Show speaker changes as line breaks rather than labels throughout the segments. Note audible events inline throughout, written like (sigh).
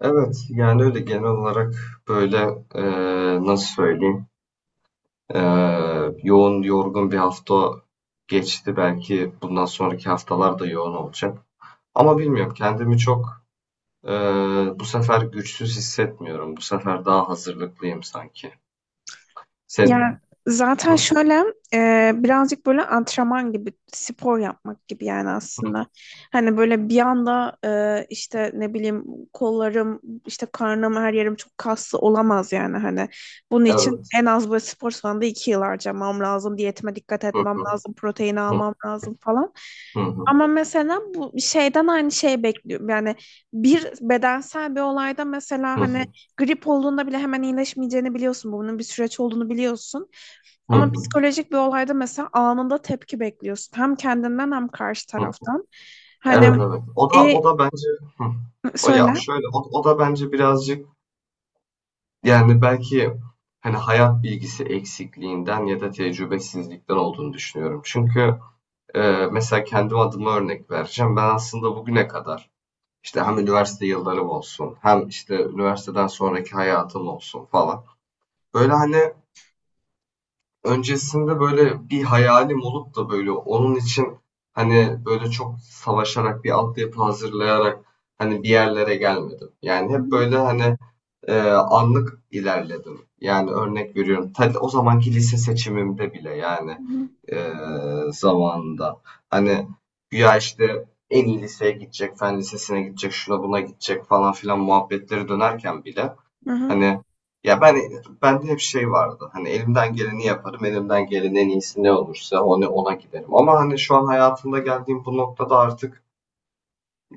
Evet, yani öyle genel olarak böyle nasıl söyleyeyim, yoğun yorgun bir hafta geçti, belki bundan sonraki haftalar da yoğun olacak. Ama bilmiyorum, kendimi çok bu sefer güçsüz hissetmiyorum. Bu sefer daha hazırlıklıyım sanki. Sen.
Yani zaten
Hı,
şöyle, birazcık böyle antrenman gibi spor yapmak gibi yani aslında.
hı,
Hani böyle bir anda, işte ne bileyim, kollarım işte karnım her yerim çok kaslı olamaz yani hani. Bunun için
evet.
en az böyle spor salonunda 2 yıl harcamam lazım. Diyetime dikkat
Hı
etmem
hı,
lazım. Protein almam lazım falan.
hı, hı,
Ama mesela bu şeyden aynı şeyi bekliyorum. Yani bir bedensel bir olayda mesela
hı,
hani
hı,
grip olduğunda bile hemen iyileşmeyeceğini biliyorsun. Bunun bir süreç olduğunu biliyorsun.
hı,
Ama
hı,
psikolojik bir olayda mesela anında tepki bekliyorsun. Hem kendinden hem karşı
hı.
taraftan. Hani,
Evet evet. O da
e,
o da bence. Hı. O ya
söyle.
şöyle, o da bence birazcık, yani, belki, hani, hayat bilgisi eksikliğinden ya da tecrübesizlikten olduğunu düşünüyorum. Çünkü, mesela kendim adıma örnek vereceğim. Ben aslında bugüne kadar, işte, hem üniversite yıllarım olsun hem, işte, üniversiteden sonraki hayatım olsun falan, böyle, hani, öncesinde, böyle, bir hayalim olup da, böyle, onun için, hani, böyle, çok savaşarak, bir altyapı hazırlayarak, hani, bir yerlere gelmedim. Yani,
Hı
hep,
hı.
böyle, hani, anlık ilerledim. Yani örnek veriyorum. O zamanki lise seçimimde bile, yani,
Hı
e, zamanında. Hani güya işte en iyi liseye gidecek, fen lisesine gidecek, şuna buna gidecek falan filan muhabbetleri dönerken bile,
hı.
hani, ya ben, bende hep şey vardı. Hani elimden geleni yaparım, elimden gelenin en iyisi ne olursa onu ona giderim. Ama hani şu an hayatımda geldiğim bu noktada artık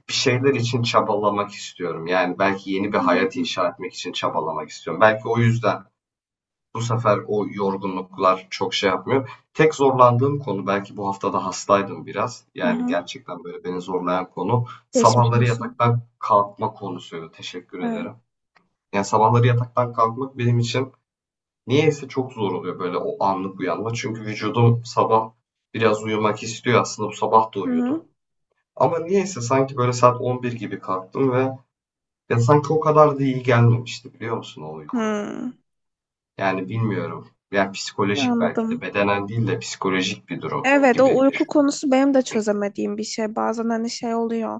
bir şeyler için çabalamak istiyorum. Yani belki yeni bir
Hı
hayat
hı.
inşa etmek için çabalamak istiyorum. Belki o yüzden bu sefer o yorgunluklar çok şey yapmıyor. Tek zorlandığım konu, belki bu haftada hastaydım biraz.
Hı
Yani
hı.
gerçekten böyle beni zorlayan konu
Geçmiş
sabahları
olsun.
yataktan kalkma konusuydu. Teşekkür
Evet.
ederim. Yani sabahları yataktan kalkmak benim için niyeyse çok zor oluyor, böyle o anlık uyanma. Çünkü vücudum sabah biraz uyumak istiyor, aslında bu sabah da
Hı hı.
uyudu. Ama niyeyse sanki böyle saat 11 gibi kalktım ve ya sanki o kadar da iyi gelmemişti, biliyor musun, o uyku?
Hı.
Yani bilmiyorum. Yani psikolojik, belki de
Anladım.
bedenen değil de psikolojik bir durum
Evet, o
gibi
uyku
düşün.
konusu benim de çözemediğim bir şey. Bazen hani şey oluyor.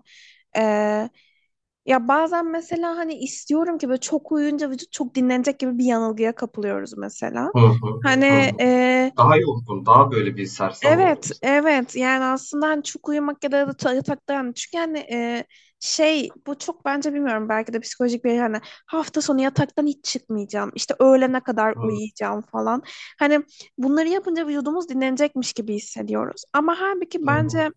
Ya bazen mesela hani istiyorum ki böyle çok uyuyunca vücut çok dinlenecek gibi bir yanılgıya kapılıyoruz mesela.
Hı hı,
Hani,
hı hı.
e,
Daha yorgun, daha böyle bir sersem oldum
evet,
sanırım.
evet, yani aslında hani çok uyumak ya da yatakta, yani çünkü hani, şey, bu çok bence bilmiyorum, belki de psikolojik bir, hani, hafta sonu yataktan hiç çıkmayacağım işte öğlene kadar
Hı
uyuyacağım falan. Hani bunları yapınca vücudumuz dinlenecekmiş gibi hissediyoruz ama halbuki
hı,
bence,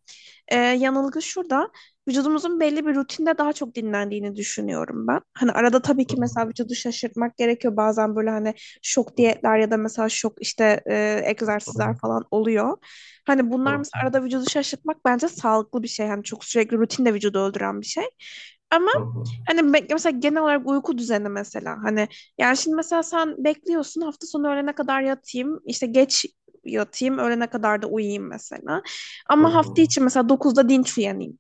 yanılgı şurada. Vücudumuzun belli bir rutinde daha çok dinlendiğini düşünüyorum ben. Hani arada tabii ki mesela
hı
vücudu şaşırtmak gerekiyor. Bazen böyle hani şok
hı,
diyetler ya da mesela şok işte, egzersizler
hı
falan oluyor. Hani bunlar
hı,
mesela arada vücudu şaşırtmak bence sağlıklı bir şey. Hani çok sürekli rutinde vücudu öldüren bir şey. Ama
hı hı,
hani, mesela genel olarak uyku düzeni mesela hani, yani şimdi mesela sen bekliyorsun hafta sonu öğlene kadar yatayım işte geç yatayım öğlene kadar da uyuyayım mesela,
hı
ama hafta
hı,
içi mesela dokuzda dinç uyanayım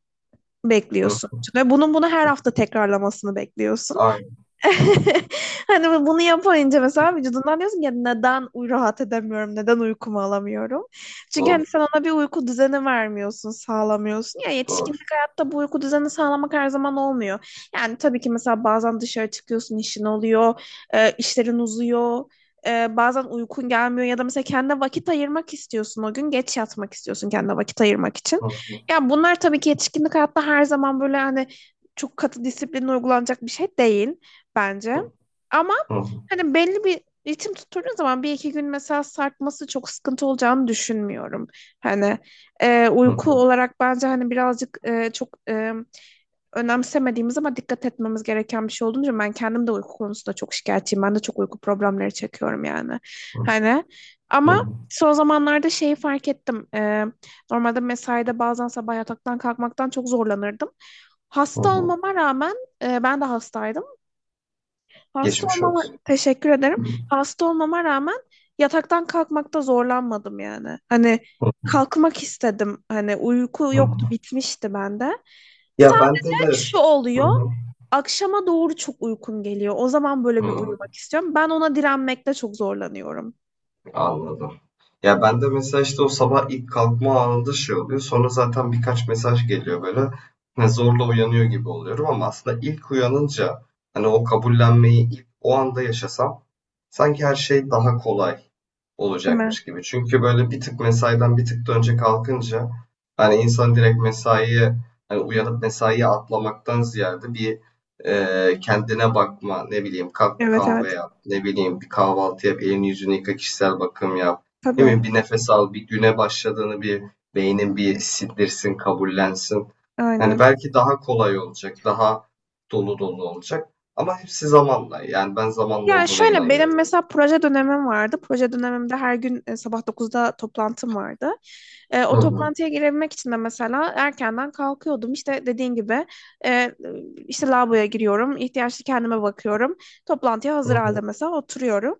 hı.
bekliyorsun ve bunun bunu her hafta tekrarlamasını bekliyorsun.
Aynen, aynen.
(laughs) Hani bunu yapınca mesela vücudundan diyorsun ya neden rahat edemiyorum, neden uykumu alamıyorum? Çünkü
Doğru,
hani sen ona bir uyku düzeni vermiyorsun, sağlamıyorsun. Ya
doğru.
yetişkinlik hayatta bu uyku düzeni sağlamak her zaman olmuyor. Yani tabii ki mesela bazen dışarı çıkıyorsun, işin oluyor, işlerin uzuyor. Bazen uykun gelmiyor ya da mesela kendine vakit ayırmak istiyorsun, o gün geç yatmak istiyorsun kendine vakit ayırmak için.
Hı hı,
Yani bunlar tabii ki yetişkinlik hayatta her zaman böyle hani çok katı disiplin uygulanacak bir şey değil bence.
hı
Ama
hı,
hani belli bir ritim tutturduğun zaman bir iki gün mesela sarkması çok sıkıntı olacağını düşünmüyorum. Hani,
hı
uyku
hı,
olarak bence hani birazcık, çok, önemsemediğimiz ama dikkat etmemiz gereken bir şey olduğunu düşünüyorum. Ben kendim de uyku konusunda çok şikayetçiyim. Ben de çok uyku problemleri çekiyorum yani.
hı
Hani
hı,
ama son zamanlarda şeyi fark ettim. Normalde mesaide bazen sabah yataktan kalkmaktan çok zorlanırdım.
hı
Hasta
hı.
olmama rağmen, ben de hastaydım. Hasta
Geçmiş
olmama
olsun.
teşekkür ederim.
Hı
Hasta olmama rağmen yataktan kalkmakta zorlanmadım yani. Hani
hı,
kalkmak istedim. Hani uyku
hı
yoktu,
hı.
bitmişti bende.
Ya bende de.
Şu
Hı
oluyor.
hı.
Akşama doğru çok uykum geliyor. O zaman böyle bir
Hı.
uyumak istiyorum. Ben ona direnmekte çok zorlanıyorum.
Anladım. Ya ben de mesela işte o sabah ilk kalkma anında şey oluyor. Sonra zaten birkaç mesaj geliyor böyle. Hani zorla uyanıyor gibi oluyorum ama aslında ilk uyanınca, hani, o kabullenmeyi ilk o anda yaşasam sanki her şey daha kolay
Değil mi?
olacakmış gibi. Çünkü böyle bir tık mesaiden, bir tık da önce kalkınca, hani, insan direkt mesaiye, hani uyanıp mesaiye atlamaktan ziyade bir kendine bakma, ne bileyim, kalk bir
Evet,
kahve
evet.
yap, ne bileyim, bir kahvaltı yap, elini yüzünü yıka, kişisel bakım yap, değil
Tabii.
mi, bir nefes al, bir güne başladığını bir beynin bir sindirsin, kabullensin. Yani
Aynen.
belki daha kolay olacak, daha dolu dolu olacak. Ama hepsi zamanla. Yani ben zamanla
Yani
olduğuna
şöyle,
inanıyorum.
benim mesela proje dönemim vardı. Proje dönemimde her gün, sabah 9'da toplantım vardı. O
Hı hı,
toplantıya girebilmek için de mesela erkenden kalkıyordum. İşte dediğin gibi, e, işte lavaboya giriyorum, ihtiyaçlı kendime bakıyorum. Toplantıya
hı
hazır halde
hı,
mesela oturuyorum.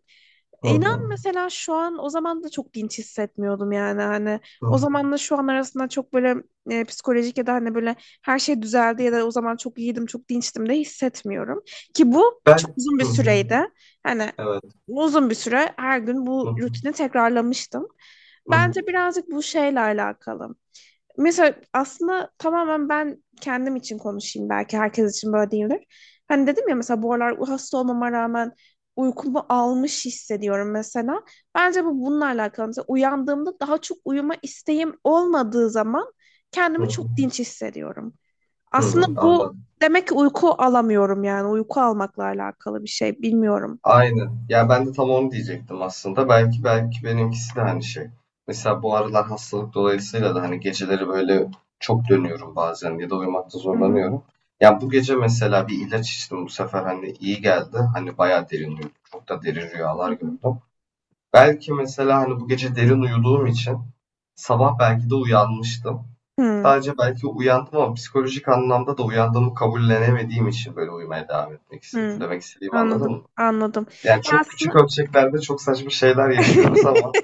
hı
İnan
hı,
mesela, şu an o zaman da çok dinç hissetmiyordum yani hani, o
hı.
zamanla şu an arasında çok böyle, psikolojik ya da hani böyle her şey düzeldi ya da o zaman çok iyiydim çok dinçtim de hissetmiyorum ki bu çok
Ben...
uzun bir
Hı hı,
süreydi. Hani
evet.
uzun bir süre her gün bu rutini tekrarlamıştım.
Hı hı,
Bence birazcık bu şeyle alakalı. Mesela aslında, tamamen ben kendim için konuşayım, belki herkes için böyle değildir. Hani dedim ya, mesela bu aralar hasta olmama rağmen uykumu almış hissediyorum mesela. Bence bu bununla alakalı. Mesela uyandığımda daha çok uyuma isteğim olmadığı zaman
hı
kendimi
hı,
çok dinç hissediyorum.
hı
Aslında
hı,
bu
anladım.
demek ki uyku alamıyorum, yani uyku almakla alakalı bir şey, bilmiyorum.
Aynen. Ya ben de tam onu diyecektim aslında. Belki benimkisi de hani şey. Mesela bu aralar hastalık dolayısıyla da hani geceleri böyle çok dönüyorum bazen ya da uyumakta
Hı hı.
zorlanıyorum. Ya bu gece mesela bir ilaç içtim, bu sefer hani iyi geldi. Hani bayağı derin uyudum. Çok da derin
Hı
rüyalar
hı.
gördüm. Belki mesela, hani, bu gece derin uyuduğum için sabah belki de uyanmıştım.
Hı,
Sadece belki uyandım ama psikolojik anlamda da uyandığımı kabullenemediğim için böyle uyumaya devam etmek istedim.
hı.
Demek istediğimi anladın mı?
Anladım, anladım.
Yani
Ya
çok küçük
aslında.
ölçeklerde çok saçma şeyler yaşıyoruz
(laughs)
ama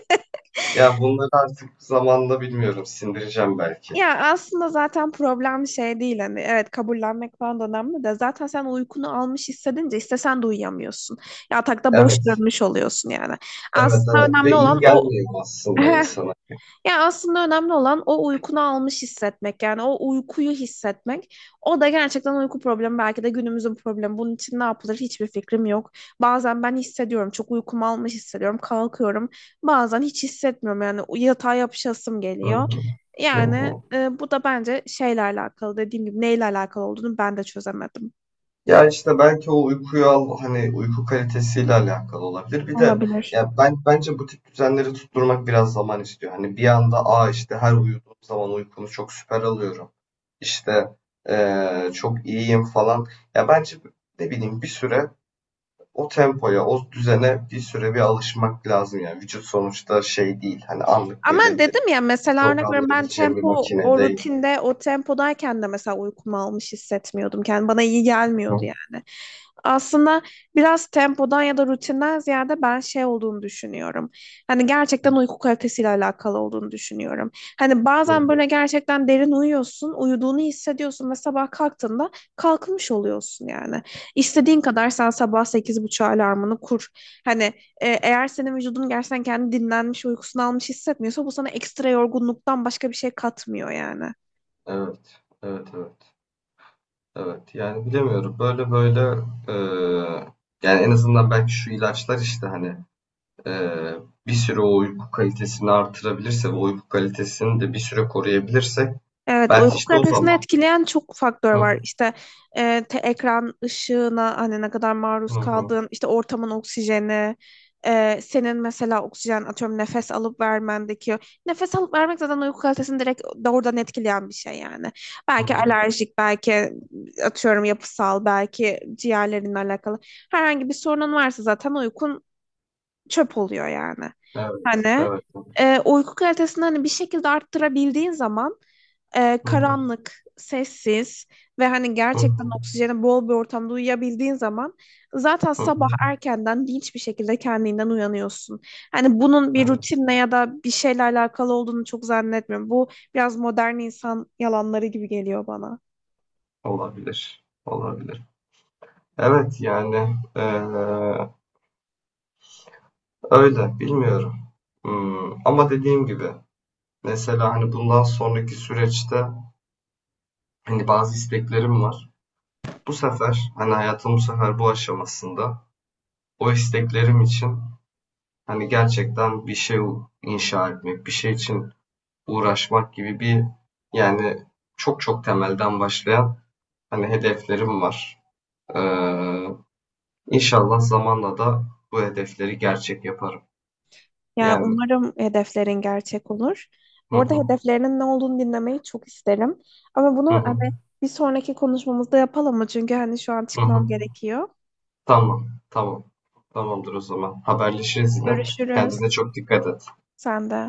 ya bunları artık zamanla bilmiyorum sindireceğim belki.
Ya aslında zaten problem şey değil hani, evet, kabullenmek falan da önemli de, zaten sen uykunu almış hissedince istesen de uyuyamıyorsun. Yatakta boş
Evet,
dönmüş oluyorsun yani.
evet,
Aslında önemli,
evet
evet,
ve iyi
olan o.
gelmiyor aslında insana.
(laughs) Ya aslında önemli olan o uykunu almış hissetmek. Yani o uykuyu hissetmek. O da gerçekten uyku problemi, belki de günümüzün problemi. Bunun için ne yapılır hiçbir fikrim yok. Bazen ben hissediyorum. Çok uykumu almış hissediyorum. Kalkıyorum. Bazen hiç hissetmiyorum. Yani yatağa yapışasım
Hı
geliyor.
hı,
Yani,
hı.
bu da bence şeyle alakalı. Dediğim gibi, neyle alakalı olduğunu ben de çözemedim.
Ya işte belki o uykuyu al, hani, uyku kalitesiyle alakalı olabilir. Bir de
Olabilir.
ya ben bence bu tip düzenleri tutturmak biraz zaman istiyor. Hani bir anda aa işte her uyuduğum zaman uykumu çok süper alıyorum. İşte çok iyiyim falan. Ya bence, ne bileyim, bir süre o tempoya, o düzene bir süre bir alışmak lazım yani. Vücut sonuçta şey değil. Hani anlık
Ama
böyle
dedim ya, mesela örnek veriyorum, ben
programlayabileceğim bir
tempo
makine
o
değil.
rutinde o tempodayken de mesela uykumu almış hissetmiyordum. Yani bana iyi gelmiyordu
Hı
yani. Aslında biraz tempodan ya da rutinden ziyade ben şey olduğunu düşünüyorum. Hani gerçekten uyku kalitesiyle alakalı olduğunu düşünüyorum. Hani
hı.
bazen böyle gerçekten derin uyuyorsun, uyuduğunu hissediyorsun ve sabah kalktığında kalkmış oluyorsun yani. İstediğin kadar sen sabah 8:30 alarmını kur. Hani, eğer senin vücudun gerçekten kendi dinlenmiş, uykusunu almış hissetmiyorsa bu sana ekstra yorgunluktan başka bir şey katmıyor yani.
Evet, evet, evet. Evet, yani bilemiyorum. Böyle eee, yani en azından belki şu ilaçlar işte, hani, eee, bir süre o uyku kalitesini artırabilirse ve uyku kalitesini de bir süre koruyabilirsek
Evet,
belki
uyku
işte o
kalitesini
zaman.
etkileyen çok faktör
Hı
var. İşte, ekran ışığına hani ne kadar
hı,
maruz
hı
kaldığın, işte ortamın oksijeni, senin mesela oksijen, atıyorum, nefes alıp vermendeki nefes alıp vermek zaten uyku kalitesini direkt doğrudan etkileyen bir şey yani.
hı,
Belki
hı.
alerjik, belki, atıyorum, yapısal, belki ciğerlerinle alakalı herhangi bir sorunun varsa zaten uykun çöp oluyor yani.
Evet,
Hani,
evet, evet.
uyku kalitesini hani bir şekilde arttırabildiğin zaman,
Hı hı,
karanlık, sessiz ve hani
hı
gerçekten
hı,
oksijeni bol bir ortamda uyuyabildiğin zaman zaten sabah
hı.
erkenden dinç bir şekilde kendinden uyanıyorsun. Hani bunun bir
Evet.
rutinle ya da bir şeyle alakalı olduğunu çok zannetmiyorum. Bu biraz modern insan yalanları gibi geliyor bana.
Olabilir, olabilir. Evet, yani, öyle, bilmiyorum. Ama dediğim gibi, mesela, hani, bundan sonraki süreçte, hani, bazı isteklerim var. Bu sefer, hani, hayatım bu sefer bu aşamasında o isteklerim için, hani, gerçekten bir şey inşa etmek, bir şey için uğraşmak gibi bir, yani, çok çok temelden başlayan, hani, hedeflerim var. Eee, inşallah zamanla da bu hedefleri gerçek yaparım.
Ya
Yani
umarım hedeflerin gerçek olur.
hı
Bu arada
hı,
hedeflerinin ne olduğunu dinlemeyi çok isterim. Ama
hı
bunu
hı,
hani bir sonraki konuşmamızda yapalım mı? Çünkü hani şu an
hı
çıkmam
hı.
gerekiyor.
Tamam, tamam. Tamamdır o zaman. Haberleşiriz yine.
Görüşürüz.
Kendine çok dikkat et.
Sen de.